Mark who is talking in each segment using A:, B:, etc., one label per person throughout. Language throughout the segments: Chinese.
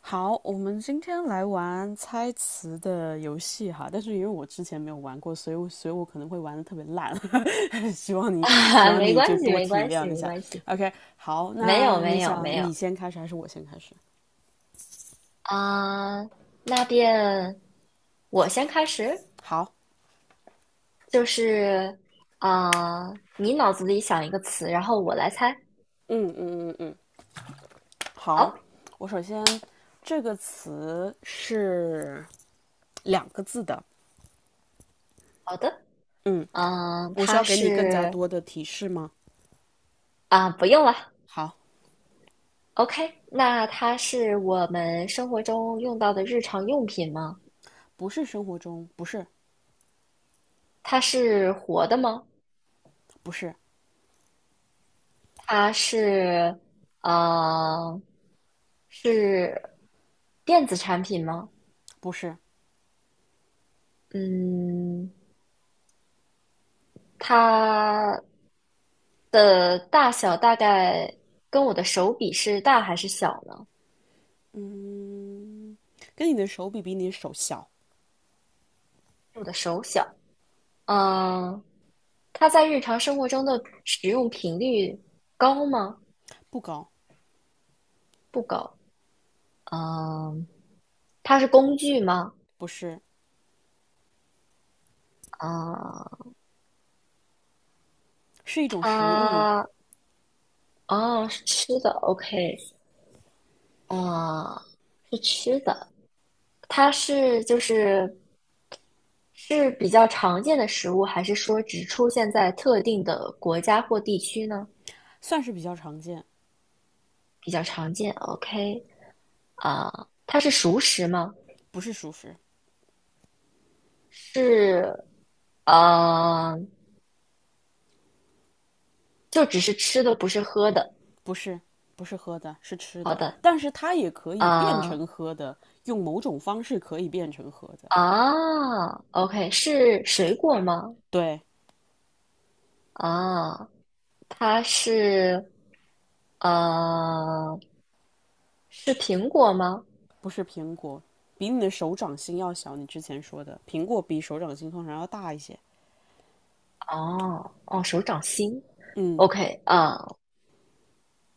A: 好，我们今天来玩猜词的游戏哈，但是因为我之前没有玩过，所以我可能会玩的特别烂 希望 你希
B: 啊，
A: 望
B: 没
A: 你就
B: 关系，
A: 多
B: 没
A: 体
B: 关系，
A: 谅一
B: 没
A: 下。
B: 关系，
A: OK，好，
B: 没
A: 那
B: 有，
A: 你
B: 没有，没
A: 想
B: 有
A: 你先开始还是我先开始？
B: 啊。那便我先开始，
A: 好，
B: 就是啊，你脑子里想一个词，然后我来猜。
A: 嗯嗯嗯嗯，好，
B: 好，
A: 我首先这个词是两个字的，
B: 好的，
A: 嗯，
B: 嗯，
A: 我需
B: 它
A: 要给你更加
B: 是
A: 多的提示吗？
B: 不用了。
A: 好，
B: OK，那它是我们生活中用到的日常用品吗？
A: 不是生活中，不是，
B: 它是活的吗？
A: 不是，
B: 它是呃，是电子产品吗？
A: 不是，
B: 嗯，它的大小大概跟我的手比是大还是小呢？
A: 嗯，跟你的手比，比你的手小，
B: 我的手小。嗯，它在日常生活中的使用频率高吗？
A: 不高，
B: 不高。嗯，它是工具吗？
A: 不是，
B: 啊、
A: 是一种食物，
B: 它哦是吃的，OK,啊、是吃的。它是是比较常见的食物，还是说只出现在特定的国家或地区呢？
A: 算是比较常见，
B: 比较常见，OK，啊、它是熟食吗？
A: 不是熟食，
B: 是，呃，就只是吃的，不是喝的。
A: 不是，不是喝的，是吃
B: 好
A: 的，
B: 的，
A: 但是它也可以变
B: 啊、
A: 成喝的，用某种方式可以变成喝的，
B: 啊，OK，是水果吗？
A: 对，
B: 啊，它是，呃，是苹果吗？
A: 不是苹果，比你的手掌心要小，你之前说的，苹果比手掌心通常要大一些，
B: 哦哦，手掌心
A: 嗯，
B: ，OK 啊，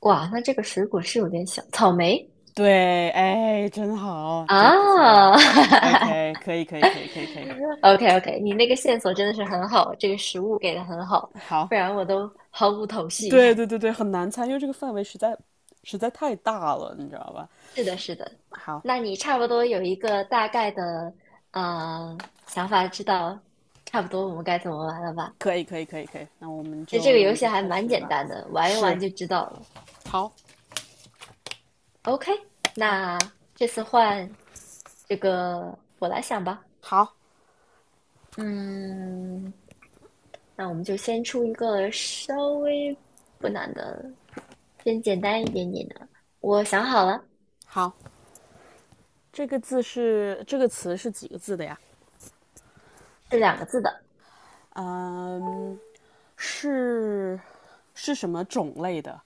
B: 哇，那这个水果是有点小，草莓
A: 对，哎，真好，真不错
B: 啊
A: ，OK，可以，可以，可以，可以，可以，
B: ，OK OK，你那个线索真的是很好，这个食物给的很好，
A: 好，
B: 不然我都毫无头绪。
A: 对对对 对，很难猜，因为这个范围实在太大了，你知道吧？
B: 是的，是的，
A: 好，
B: 那你差不多有一个大概的想法，知道差不多我们该怎么玩了吧？
A: 可以可以可以可以，那我们
B: 其实
A: 就
B: 这个
A: 那我
B: 游
A: 们
B: 戏
A: 就
B: 还
A: 开
B: 蛮
A: 始
B: 简
A: 吧。
B: 单的，玩一
A: 是，
B: 玩就知道了。
A: 好，
B: OK，
A: 好，
B: 那这次换我来想吧。
A: 好，
B: 嗯，那我们就先出一个稍微不难的，先简单一点点的。我想好了，
A: 好，这个字是这个词是几个字的呀？
B: 是两个字的。
A: 嗯，是是什么种类的？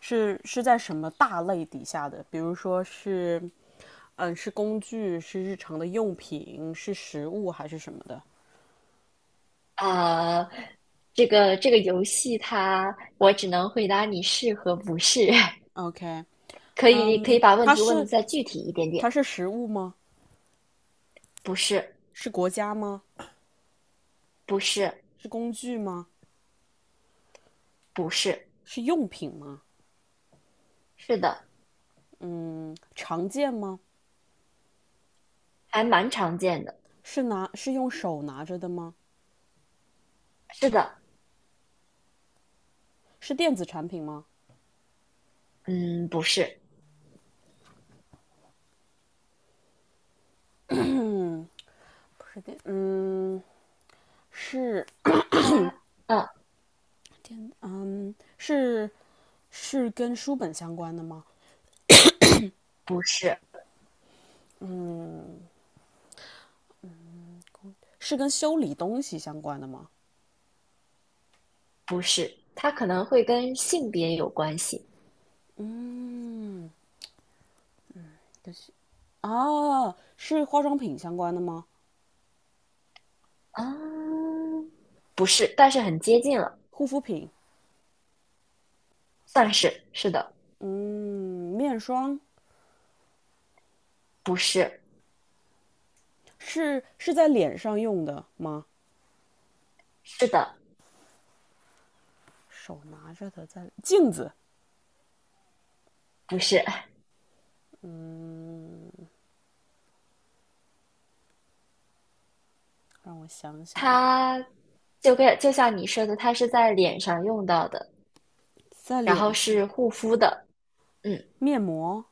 A: 是是在什么大类底下的？比如说是，嗯，是工具，是日常的用品，是食物还是什么的
B: 啊、这个游戏它，我只能回答你是和不是，
A: ？OK，
B: 可以
A: 嗯，
B: 把问题问的再具体一点
A: 它
B: 点。
A: 是食物吗？
B: 不是，
A: 是国家吗？
B: 不是，
A: 是工具吗？
B: 不是，
A: 是用品吗？
B: 是的，
A: 嗯，常见吗？
B: 还蛮常见的。
A: 是用手拿着的吗？
B: 是的，
A: 是电子产品吗？
B: 嗯，不是，
A: 不是电，嗯，是
B: 它，嗯，
A: 是是跟书本相关的吗？
B: 不是，
A: 是跟修理东西相关的吗？
B: 不是，它可能会跟性别有关系。
A: 嗯，啊，是化妆品相关的吗？
B: 啊，不是，但是很接近了，
A: 护肤品，
B: 算是是的，
A: 嗯，面霜
B: 不是，
A: 是在脸上用的吗？
B: 是的，
A: 手拿着的在镜子，
B: 不是。
A: 嗯，让我想想，
B: 它就跟就像你说的，它是在脸上用到的，
A: 在
B: 然后
A: 脸上，
B: 是护肤的，嗯，
A: 面膜、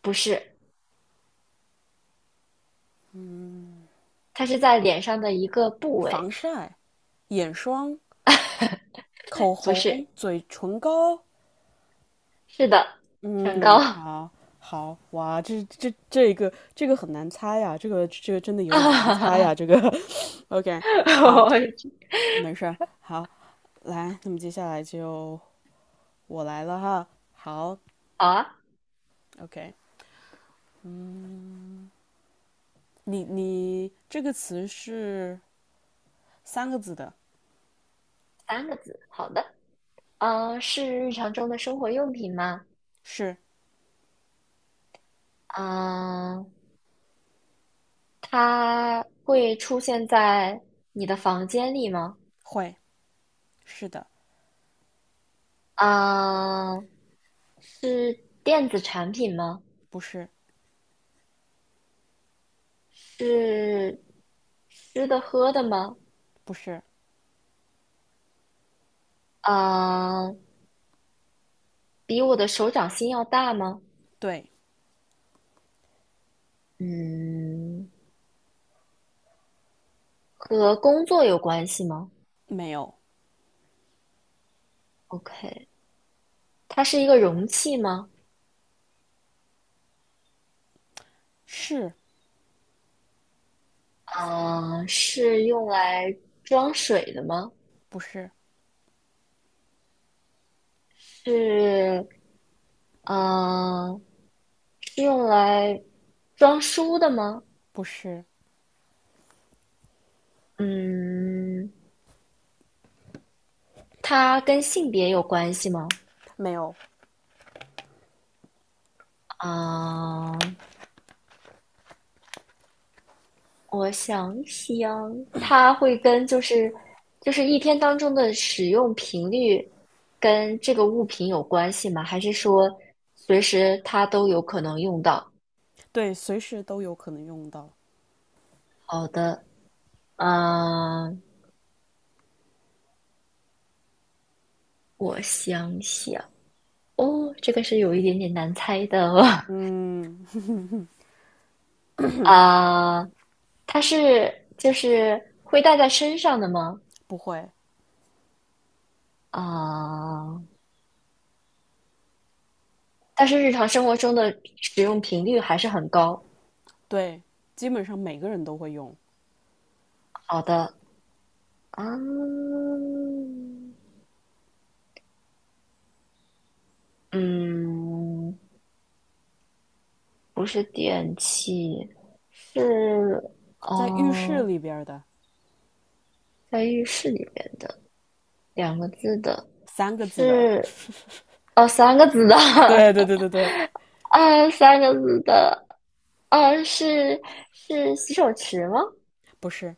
B: 不是，它是在脸上的一个部
A: 防
B: 位，
A: 晒、眼霜、口
B: 不是，
A: 红、嘴唇膏。
B: 是的，唇膏
A: 嗯，好，好，哇，这这个很难猜呀，这个这个真的有点难猜
B: 啊，
A: 呀，这个。OK，好，没事儿，好，来，那么接下来就我来了哈。好
B: 好啊，
A: ，OK，嗯，你这个词是三个字的，
B: 三个字，好的，嗯、是日常中的生活用品吗？
A: 是
B: 嗯、它会出现在你的房间里吗？
A: 会，是的。
B: 啊，是电子产品吗？
A: 不是，
B: 是吃的喝的吗？
A: 不是，
B: 啊，比我的手掌心要大吗？
A: 对，
B: 嗯，和工作有关系吗
A: 没有，
B: ？OK，它是一个容器吗？
A: 是
B: 啊，是用来装水的吗？
A: 不是？
B: 是，嗯，是用来装书的吗？
A: 不是，
B: 嗯，它跟性别有关系吗？
A: 没有，
B: 啊、我想想，它会跟就是一天当中的使用频率跟这个物品有关系吗？还是说随时它都有可能用到？
A: 对，随时都有可能用到。
B: 好的，嗯、我想想，哦，这个是有一点点难猜的哦
A: 嗯，
B: 啊、它是会带在身上的吗？
A: 不会，
B: 啊、但是日常生活中的使用频率还是很高。
A: 对，基本上每个人都会用，
B: 好的，啊，嗯，不是电器，是
A: 在浴室
B: 哦，
A: 里边的
B: 在浴室里面的两个字的，
A: 三个字的，
B: 是哦，三个字的，
A: 对对对对对，
B: 啊，三个字的，啊，是洗手池吗？
A: 不是，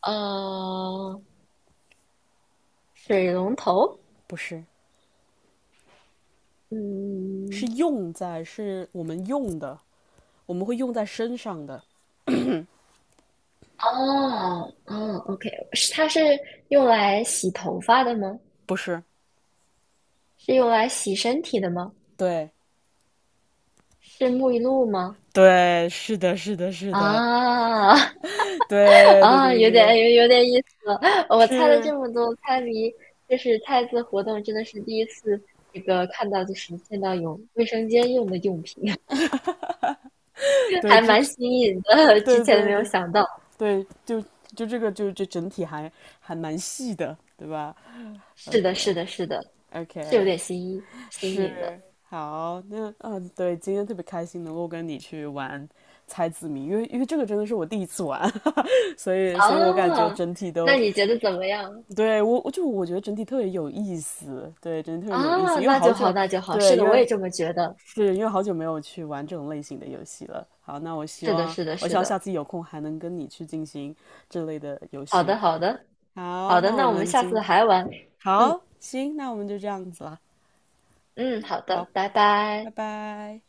B: 呃，水龙头，
A: 不是，是
B: 嗯，
A: 用在，是我们用的，我们会用在身上的，
B: 哦哦，OK，是它是用来洗头发的吗？
A: 不是，
B: 是用来洗身体的吗？
A: 对
B: 是沐浴露吗？
A: 对，是的，是的，是的，
B: 啊
A: 对对
B: 啊，
A: 对对对，
B: 有点意思了。我猜了
A: 是，
B: 这么多猜谜，就是猜字活动，真的是第一次这个看到，就是见到有卫生间用的用品，
A: 对，
B: 还
A: 这，
B: 蛮新颖的，之
A: 对
B: 前
A: 对
B: 没有
A: 对，
B: 想到。
A: 对，就这个这整体还蛮细的，对吧
B: 是的，是
A: ？OK
B: 的，是的，是有
A: OK，
B: 点新意新
A: 是
B: 颖的。
A: 好，那嗯，对，今天特别开心能够跟你去玩猜字谜，因为这个真的是我第一次玩，所以我感觉
B: 哦，
A: 整体
B: 那
A: 都
B: 你觉得怎么样？
A: 我觉得整体特别有意思，对，整体特别有意思，
B: 啊，
A: 因为
B: 那
A: 好
B: 就好，
A: 久
B: 那就好。是
A: 对，
B: 的，我也这么觉得。
A: 因为好久没有去玩这种类型的游戏了。好，那我希
B: 是的，
A: 望
B: 是的，
A: 我希
B: 是
A: 望下
B: 的。
A: 次有空还能跟你去进行这类的游
B: 好
A: 戏。
B: 的，好的，
A: 好，
B: 好的。
A: 那我
B: 那我们
A: 们
B: 下次
A: 今
B: 还玩。嗯
A: 好行，那我们就这样子了。
B: 嗯，好
A: 好，
B: 的，拜
A: 拜
B: 拜。
A: 拜。